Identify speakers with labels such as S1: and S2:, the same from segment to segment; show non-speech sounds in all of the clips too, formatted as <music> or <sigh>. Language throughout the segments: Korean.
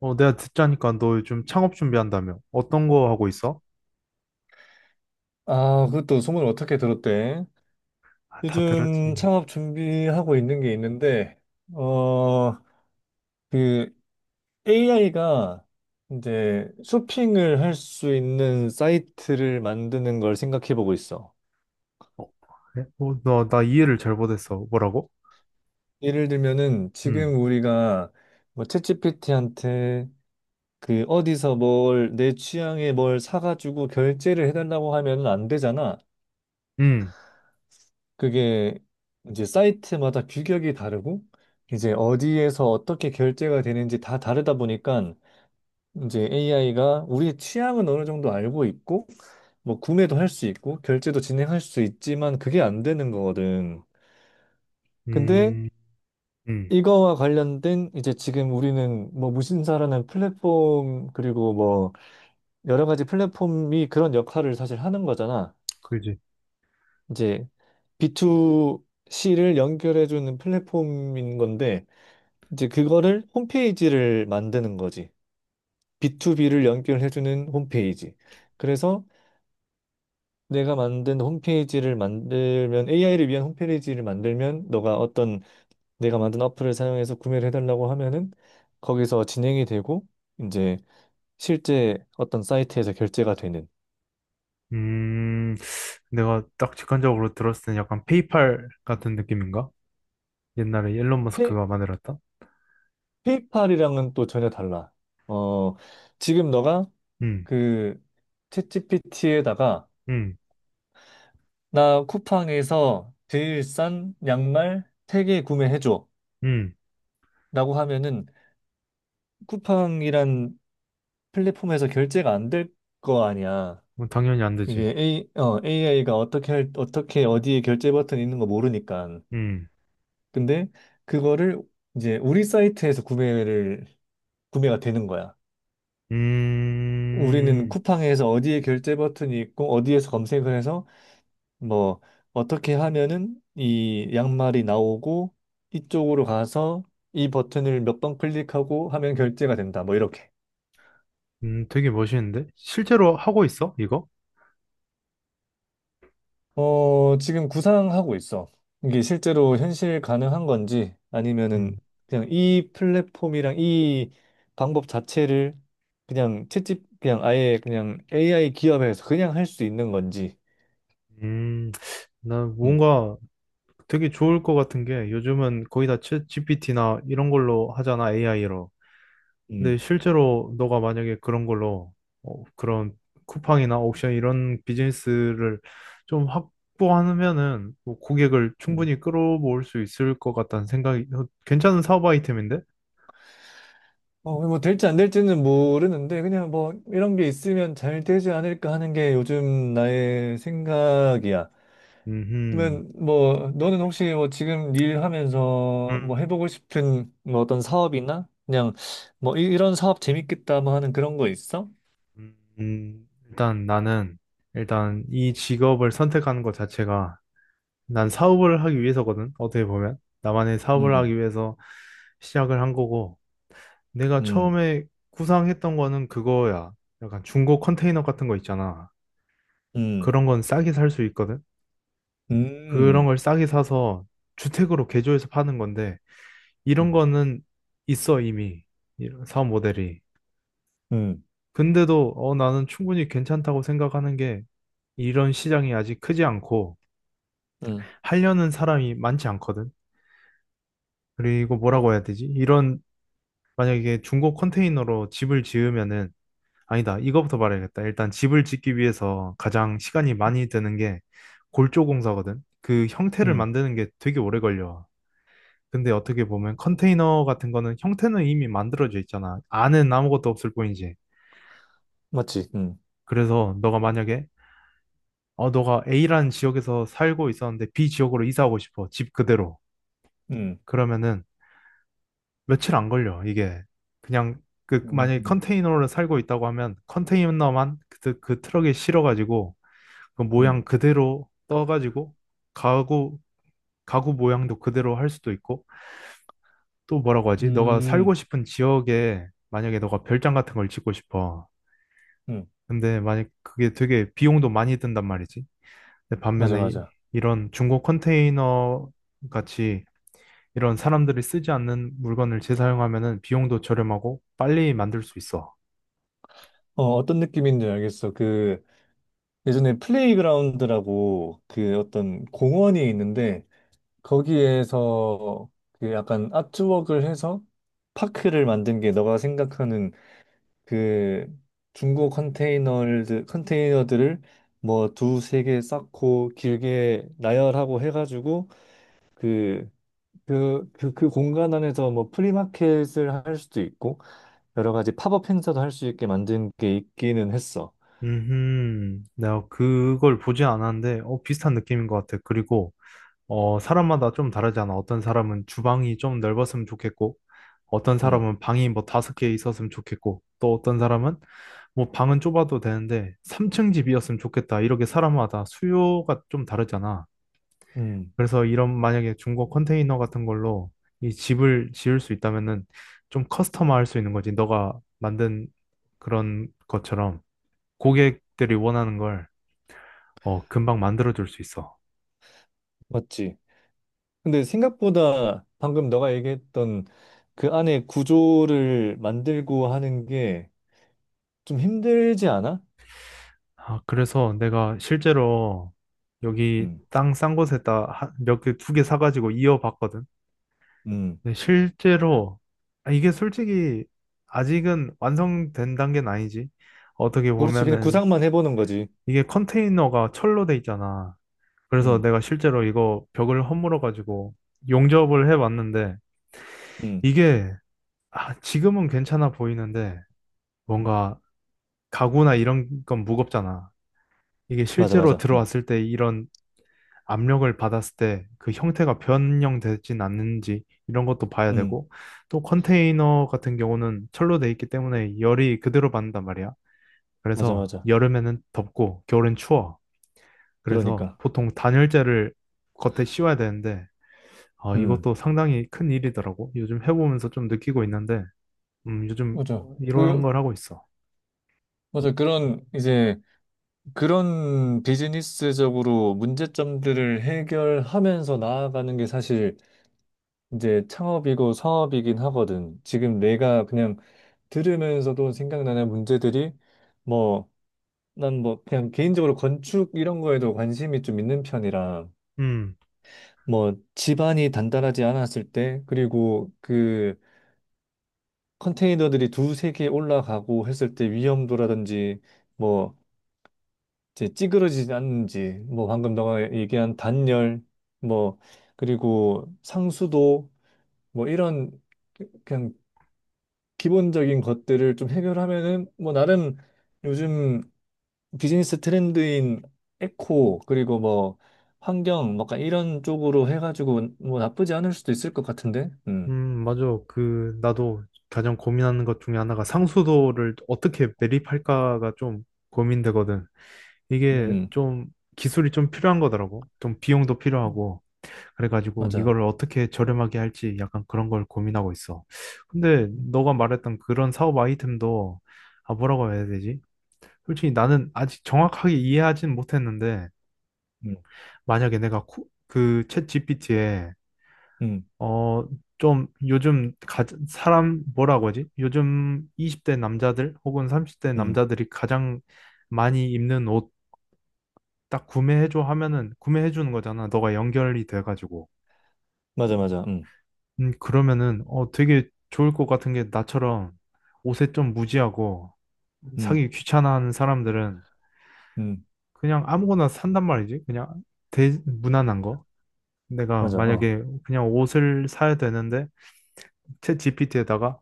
S1: 내가 듣자니까 너 요즘 창업 준비한다며. 어떤 거 하고 있어?
S2: 아, 그것도 소문을 어떻게 들었대?
S1: 아, 다
S2: 요즘
S1: 들었지.
S2: 창업 준비하고 있는 게 있는데, 어, 그 AI가 이제 쇼핑을 할 수 있는 사이트를 만드는 걸 생각해 보고 있어.
S1: 어, 그래? 나 이해를 잘 못했어. 뭐라고?
S2: 예를 들면은
S1: 음,
S2: 지금 우리가 뭐 챗GPT한테 그 어디서 뭘 내 취향에 뭘 사가지고 결제를 해달라고 하면은 안 되잖아.
S1: 음,
S2: 그게 이제 사이트마다 규격이 다르고 이제 어디에서 어떻게 결제가 되는지 다 다르다 보니까 이제 AI가 우리의 취향은 어느 정도 알고 있고 뭐 구매도 할 수 있고 결제도 진행할 수 있지만 그게 안 되는 거거든. 근데
S1: 음, 음,
S2: 이거와 관련된 이제 지금 우리는 뭐 무신사라는 플랫폼 그리고 뭐 여러 가지 플랫폼이 그런 역할을 사실 하는 거잖아.
S1: 그지.
S2: 이제 B2C를 연결해주는 플랫폼인 건데 이제 그거를 홈페이지를 만드는 거지. B2B를 연결해주는 홈페이지. 그래서 내가 만든 홈페이지를 만들면 AI를 위한 홈페이지를 만들면 너가 어떤 내가 만든 어플을 사용해서 구매를 해달라고 하면은 거기서 진행이 되고 이제 실제 어떤 사이트에서 결제가 되는
S1: 음, 내가 딱 직관적으로 들었을 땐 약간 페이팔 같은 느낌인가? 옛날에 일론
S2: 페,
S1: 머스크가 만들었다?
S2: 페이팔이랑은 또 전혀 달라. 어, 지금 너가
S1: 음,
S2: 그 챗GPT에다가
S1: 음,
S2: 나 쿠팡에서 제일 싼 양말 3개 구매해줘
S1: 음,
S2: 라고 하면은 쿠팡이란 플랫폼에서 결제가 안 될 거 아니야.
S1: 뭐 당연히 안 되지.
S2: 이게 AI가 어떻게 어디에 결제 버튼 있는 거 모르니까.
S1: 음,
S2: 근데 그거를 이제 우리 사이트에서 구매가 되는 거야. 우리는
S1: 음,
S2: 쿠팡에서 어디에 결제 버튼이 있고 어디에서 검색을 해서 뭐 어떻게 하면은 이 양말이 나오고 이쪽으로 가서 이 버튼을 몇 번 클릭하고 하면 결제가 된다. 뭐 이렇게.
S1: 되게 멋있는데? 실제로 하고 있어, 이거?
S2: 어, 지금 구상하고 있어. 이게 실제로 현실 가능한 건지
S1: 음,
S2: 아니면은 그냥 이 플랫폼이랑 이 방법 자체를 그냥 채집 그냥 아예 그냥 AI 기업에서 그냥 할 수 있는 건지.
S1: 음, 나
S2: 음,
S1: 뭔가 되게 좋을 것 같은 게 요즘은 거의 다 챗 GPT나 이런 걸로 하잖아, AI로. 근데
S2: 음.
S1: 실제로 너가 만약에 그런 걸로 그런 쿠팡이나 옥션 이런 비즈니스를 좀 확보하면은 뭐 고객을
S2: 음.
S1: 충분히 끌어모을 수 있을 것 같다는 생각이. 괜찮은 사업 아이템인데?
S2: 어, 뭐 될지 안 될지는 모르는데 그냥 뭐 이런 게 있으면 잘 되지 않을까 하는 게 요즘 나의 생각이야.
S1: 음,
S2: 그러면 뭐 너는 혹시 뭐 지금 일하면서
S1: 음,
S2: 뭐 해보고 싶은 뭐 어떤 사업이나 그냥 뭐 이런 사업 재밌겠다 뭐 하는 그런 거 있어?
S1: 일단 나는 일단 이 직업을 선택하는 것 자체가 난 사업을 하기 위해서거든, 어떻게 보면. 나만의 사업을
S2: 음,
S1: 하기 위해서 시작을 한 거고, 내가
S2: 음,
S1: 처음에 구상했던 거는 그거야. 약간 중고 컨테이너 같은 거 있잖아.
S2: 음,
S1: 그런 건 싸게 살 수 있거든? 그런
S2: 음,
S1: 걸 싸게 사서 주택으로 개조해서 파는 건데, 이런
S2: 음,
S1: 거는 있어, 이미. 이런 사업 모델이.
S2: 음,
S1: 근데도, 나는 충분히 괜찮다고 생각하는 게, 이런 시장이 아직 크지 않고,
S2: 음,
S1: 하려는 사람이 많지 않거든? 그리고 뭐라고 해야 되지? 이런 만약에 이게 중고 컨테이너로 집을 지으면은 아니다. 이거부터 말해야겠다. 일단 집을 짓기 위해서 가장 시간이 많이 드는 게 골조 공사거든. 그 형태를
S2: 음,
S1: 만드는 게 되게 오래 걸려. 근데 어떻게 보면 컨테이너 같은 거는 형태는 이미 만들어져 있잖아. 안은 아무것도 없을 뿐이지.
S2: 맞지?
S1: 그래서 너가 만약에 너가 A라는 지역에서 살고 있었는데 B 지역으로 이사하고 싶어. 집 그대로.
S2: 음,
S1: 그러면은 며칠 안 걸려. 이게 그냥 그 만약에
S2: 음,
S1: 컨테이너로 살고 있다고 하면 컨테이너만 그 트럭에 실어가지고 그 모양
S2: 음,
S1: 그대로 떠가지고 가구 가구 모양도 그대로 할 수도 있고 또 뭐라고 하지? 너가 살고
S2: 음,
S1: 싶은 지역에 만약에 너가 별장 같은 걸 짓고 싶어.
S2: 음,
S1: 근데 만약 그게 되게 비용도 많이 든단 말이지. 근데
S2: 맞아,
S1: 반면에
S2: 맞아.
S1: 이런 중고 컨테이너 같이 이런 사람들이 쓰지 않는 물건을 재사용하면은 비용도 저렴하고 빨리 만들 수 있어.
S2: 어, 어떤 느낌인지 알겠어. 예전에 플레이그라운드라고 그 어떤 공원이 있는데 거기에서 그 약간 아트웍을 해서 파크를 만든 게 너가 생각하는 그 중고 컨테이너들을 뭐 두세 개 쌓고 길게 나열하고 해가지고 그 그 공간 안에서 뭐 프리마켓을 할 수도 있고 여러 가지 팝업 행사도 할 수 있게 만든 게 있기는 했어.
S1: 내가 그걸 보지 않았는데, 비슷한 느낌인 것 같아. 그리고, 사람마다 좀 다르잖아. 어떤 사람은 주방이 좀 넓었으면 좋겠고, 어떤
S2: 음,
S1: 사람은 방이 뭐 다섯 개 있었으면 좋겠고, 또 어떤 사람은 뭐 방은 좁아도 되는데, 3층 집이었으면 좋겠다. 이렇게 사람마다 수요가 좀 다르잖아.
S2: 음,
S1: 그래서 이런 만약에 중고 컨테이너 같은 걸로 이 집을 지을 수 있다면은 좀 커스터마할 수 있는 거지. 너가 만든 그런 것처럼 고객들이 원하는 걸 금방 만들어줄 수 있어.
S2: 맞지? 근데 생각보다 방금 너가 얘기했던 그 안에 구조를 만들고 하는 게 좀 힘들지 않아?
S1: 아, 그래서 내가 실제로 여기
S2: 음,
S1: 땅 싼 곳에다 몇 개, 두 개 사가지고 이어봤거든.
S2: 음.
S1: 근데 실제로, 아, 이게 솔직히 아직은 완성된 단계는 아니지. 어떻게
S2: 그렇지. 그냥
S1: 보면은
S2: 구상만 해보는 거지.
S1: 이게 컨테이너가 철로 돼 있잖아. 그래서
S2: 음,
S1: 내가 실제로 이거 벽을 허물어가지고 용접을 해봤는데
S2: 음.
S1: 이게 지금은 괜찮아 보이는데
S2: 음.
S1: 뭔가 가구나 이런 건 무겁잖아. 이게
S2: 맞아,
S1: 실제로
S2: 맞아.
S1: 들어왔을 때 이런 압력을 받았을 때 그 형태가 변형되진 않는지 이런 것도 봐야
S2: 음.
S1: 되고 또 컨테이너 같은 경우는 철로 돼 있기 때문에 열이 그대로 받는단 말이야.
S2: 맞아,
S1: 그래서
S2: 맞아.
S1: 여름에는 덥고 겨울엔 추워. 그래서
S2: 그러니까.
S1: 보통 단열재를 겉에 씌워야 되는데 아,
S2: 음.
S1: 이것도 상당히 큰 일이더라고. 요즘 해보면서 좀 느끼고 있는데 요즘
S2: 맞아.
S1: 이런
S2: 그,
S1: 걸 하고 있어.
S2: 맞아. 그런, 이제, 그런 비즈니스적으로 문제점들을 해결하면서 나아가는 게 사실 이제 창업이고 사업이긴 하거든. 지금 내가 그냥 들으면서도 생각나는 문제들이 뭐 난 뭐 그냥 개인적으로 건축 이런 거에도 관심이 좀 있는 편이라
S1: 음.
S2: 뭐 집안이 단단하지 않았을 때 그리고 그 컨테이너들이 두세 개 올라가고 했을 때 위험도라든지 뭐 이제 찌그러지지 않는지 뭐 방금 너가 얘기한 단열 뭐 그리고 상수도 뭐 이런 그 그냥 기본적인 것들을 좀 해결하면은 뭐 나름 요즘 비즈니스 트렌드인 에코 그리고 뭐 환경 뭐 약간 이런 쪽으로 해가지고 뭐 나쁘지 않을 수도 있을 것 같은데. 음,
S1: 맞아. 그, 나도 가장 고민하는 것 중에 하나가 상수도를 어떻게 매립할까가 좀 고민되거든. 이게
S2: 음,
S1: 좀 기술이 좀 필요한 거더라고. 좀 비용도 필요하고. 그래가지고
S2: 맞아.
S1: 이걸 어떻게 저렴하게 할지 약간 그런 걸 고민하고 있어. 근데 너가 말했던 그런 사업 아이템도, 아, 뭐라고 해야 되지? 솔직히 나는 아직 정확하게 이해하진 못했는데,
S2: 음,
S1: 만약에 내가 그 챗GPT에
S2: 음,
S1: 어, 좀 요즘 사람 뭐라고 하지? 요즘 20대 남자들 혹은 30대
S2: 음,
S1: 남자들이 가장 많이 입는 옷 딱 구매해줘 하면은 구매해 주는 거잖아. 너가 연결이 돼가지고.
S2: 맞아, 맞아. 음,
S1: 그러면은 되게 좋을 것 같은 게 나처럼 옷에 좀 무지하고
S2: 음,
S1: 사기 귀찮아하는 사람들은
S2: 음,
S1: 그냥 아무거나 산단 말이지. 그냥 무난한 거. 내가
S2: 맞아.
S1: 만약에 그냥 옷을 사야 되는데 챗 GPT에다가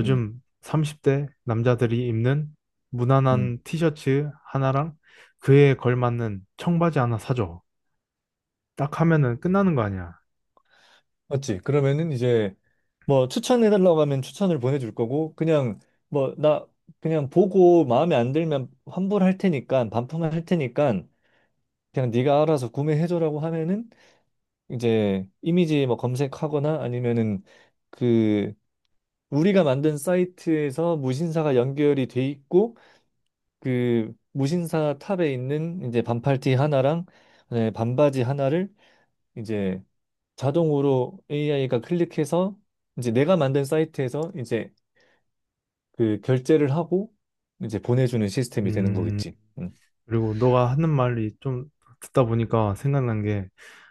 S2: 어음음
S1: 30대 남자들이 입는 무난한 티셔츠 하나랑 그에 걸맞는 청바지 하나 사줘. 딱 하면은 끝나는 거 아니야.
S2: 맞지. 그러면은 이제 뭐 추천해달라고 하면 추천을 보내줄 거고 그냥 뭐 나 그냥 보고 마음에 안 들면 환불할 테니까 반품할 테니까 그냥 네가 알아서 구매해줘라고 하면은 이제 이미지 뭐 검색하거나 아니면은 그 우리가 만든 사이트에서 무신사가 연결이 돼 있고 그 무신사 탑에 있는 이제 반팔티 하나랑 네, 반바지 하나를 이제 자동으로 AI가 클릭해서 이제 내가 만든 사이트에서 이제 그 결제를 하고 이제 보내주는 시스템이 되는
S1: 음,
S2: 거겠지.
S1: 그리고 너가 하는 말이 좀 듣다 보니까 생각난 게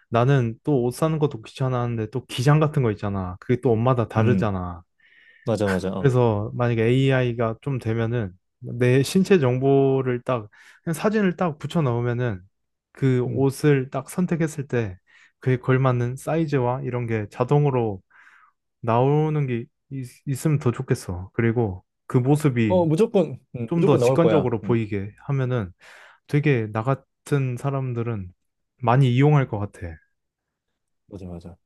S1: 나는 또 옷 사는 것도 귀찮아하는데 또 기장 같은 거 있잖아. 그게 또 옷마다
S2: 음,
S1: 다르잖아.
S2: 맞아, 맞아. 어,
S1: 그래서 만약에 AI가 좀 되면은 내 신체 정보를 딱 그냥 사진을 딱 붙여 넣으면은 그
S2: 음.
S1: 옷을 딱 선택했을 때 그에 걸맞는 사이즈와 이런 게 자동으로 나오는 게 있으면 더 좋겠어. 그리고 그 모습이
S2: 어, 무조건,
S1: 좀 더
S2: 무조건 나올 거야.
S1: 직관적으로 보이게 하면은 되게 나 같은 사람들은 많이 이용할 것 같아.
S2: 맞아, 맞아.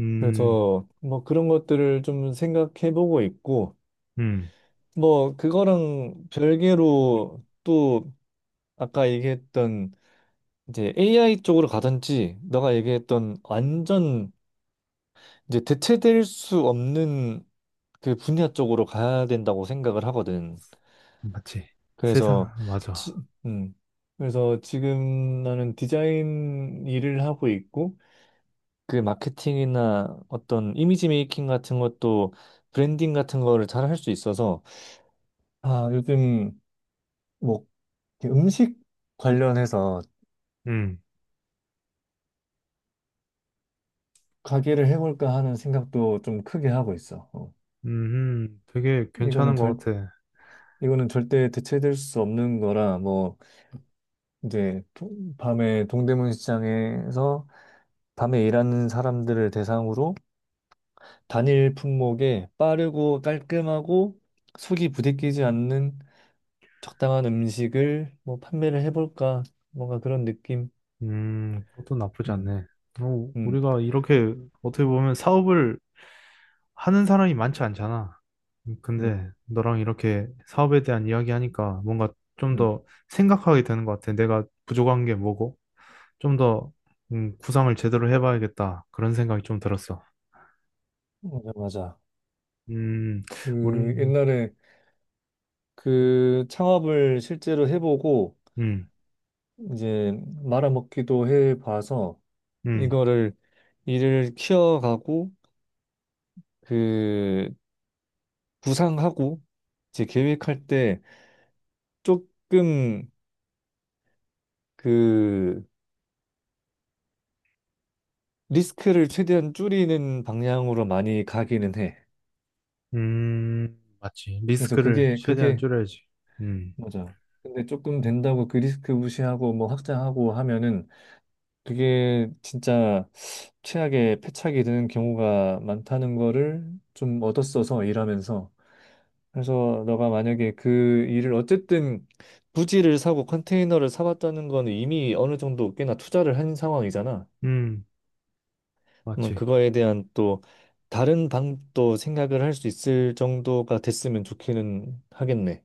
S1: 음,
S2: 그래서 뭐 그런 것들을 좀 생각해보고 있고
S1: 음,
S2: 뭐 그거랑 별개로 또 아까 얘기했던 이제 AI 쪽으로 가든지 너가 얘기했던 완전 이제 대체될 수 없는 그 분야 쪽으로 가야 된다고 생각을 하거든.
S1: 맞지.
S2: 그래서
S1: 세상, 맞아.
S2: 지, 음. 그래서 지금 나는 디자인 일을 하고 있고 그 마케팅이나 어떤 이미지 메이킹 같은 것도 브랜딩 같은 거를 잘 할 수 있어서 아, 요즘 뭐 이렇게 음식 관련해서
S1: 음,
S2: 가게를 해볼까 하는 생각도 좀 크게 하고 있어. 어,
S1: 되게
S2: 이거는
S1: 괜찮은 것
S2: 절
S1: 같아.
S2: 이거는 절대 대체될 수 없는 거라 뭐 이제 밤에 동대문 시장에서 밤에 일하는 사람들을 대상으로 단일 품목에 빠르고 깔끔하고 속이 부대끼지 않는 적당한 음식을 뭐 판매를 해볼까 뭔가 그런 느낌.
S1: 그것도 나쁘지
S2: 음,
S1: 않네.
S2: 음,
S1: 우리가 이렇게 어떻게 보면 사업을 하는 사람이 많지 않잖아.
S2: 음,
S1: 근데 너랑 이렇게 사업에 대한 이야기하니까 뭔가 좀
S2: 음.
S1: 더 생각하게 되는 것 같아. 내가 부족한 게 뭐고? 좀 더, 구상을 제대로 해봐야겠다. 그런 생각이 좀 들었어.
S2: 맞아, 맞아.
S1: 음, 우리,
S2: 그 옛날에 그 창업을 실제로 해보고
S1: 음,
S2: 이제 말아먹기도 해봐서
S1: 음,
S2: 이거를 일을 키워가고 그 구상하고 이제 계획할 때 조금 그 리스크를 최대한 줄이는 방향으로 많이 가기는 해.
S1: 맞지.
S2: 그래서
S1: 리스크를
S2: 그게
S1: 최대한
S2: 그게
S1: 줄여야지. 음,
S2: 맞아. 근데 조금 된다고 그 리스크 무시하고 뭐 확장하고 하면은 그게 진짜 최악의 패착이 되는 경우가 많다는 거를 좀 얻었어서 일하면서. 그래서 너가 만약에 그 일을 어쨌든 부지를 사고 컨테이너를 사봤다는 건 이미 어느 정도 꽤나 투자를 한 상황이잖아.
S1: 음,
S2: 그러면
S1: 맞지.
S2: 그거에 대한 또 다른 방도 생각을 할 수 있을 정도가 됐으면 좋기는 하겠네.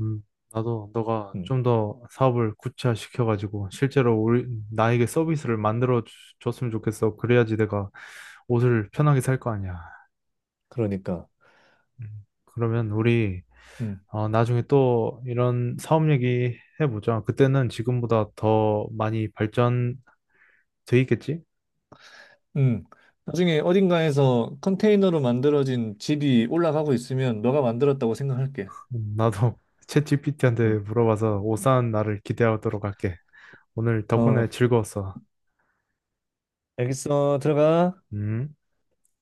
S1: 음, 나도 너가
S2: 음,
S1: 좀 더 사업을 구체화시켜가지고 실제로 우리 나에게 서비스를 만들어 줬으면 좋겠어. 그래야지 내가 옷을 편하게 살 거 아니야.
S2: 그러니까.
S1: 그러면 우리
S2: 음.
S1: 나중에 또 이런 사업 얘기 해보자. 그때는 지금보다 더 많이 발전돼 있겠지?
S2: 음. 나중에 어딘가에서 컨테이너로 만들어진 집이 올라가고 있으면 너가 만들었다고 생각할게.
S1: 나도 <laughs> 챗 GPT한테
S2: 음.
S1: 물어봐서 옷 사는 날을 기대하도록 할게. 오늘
S2: 어,
S1: 덕분에 즐거웠어.
S2: 알겠어. 들어가.
S1: 음.
S2: 음.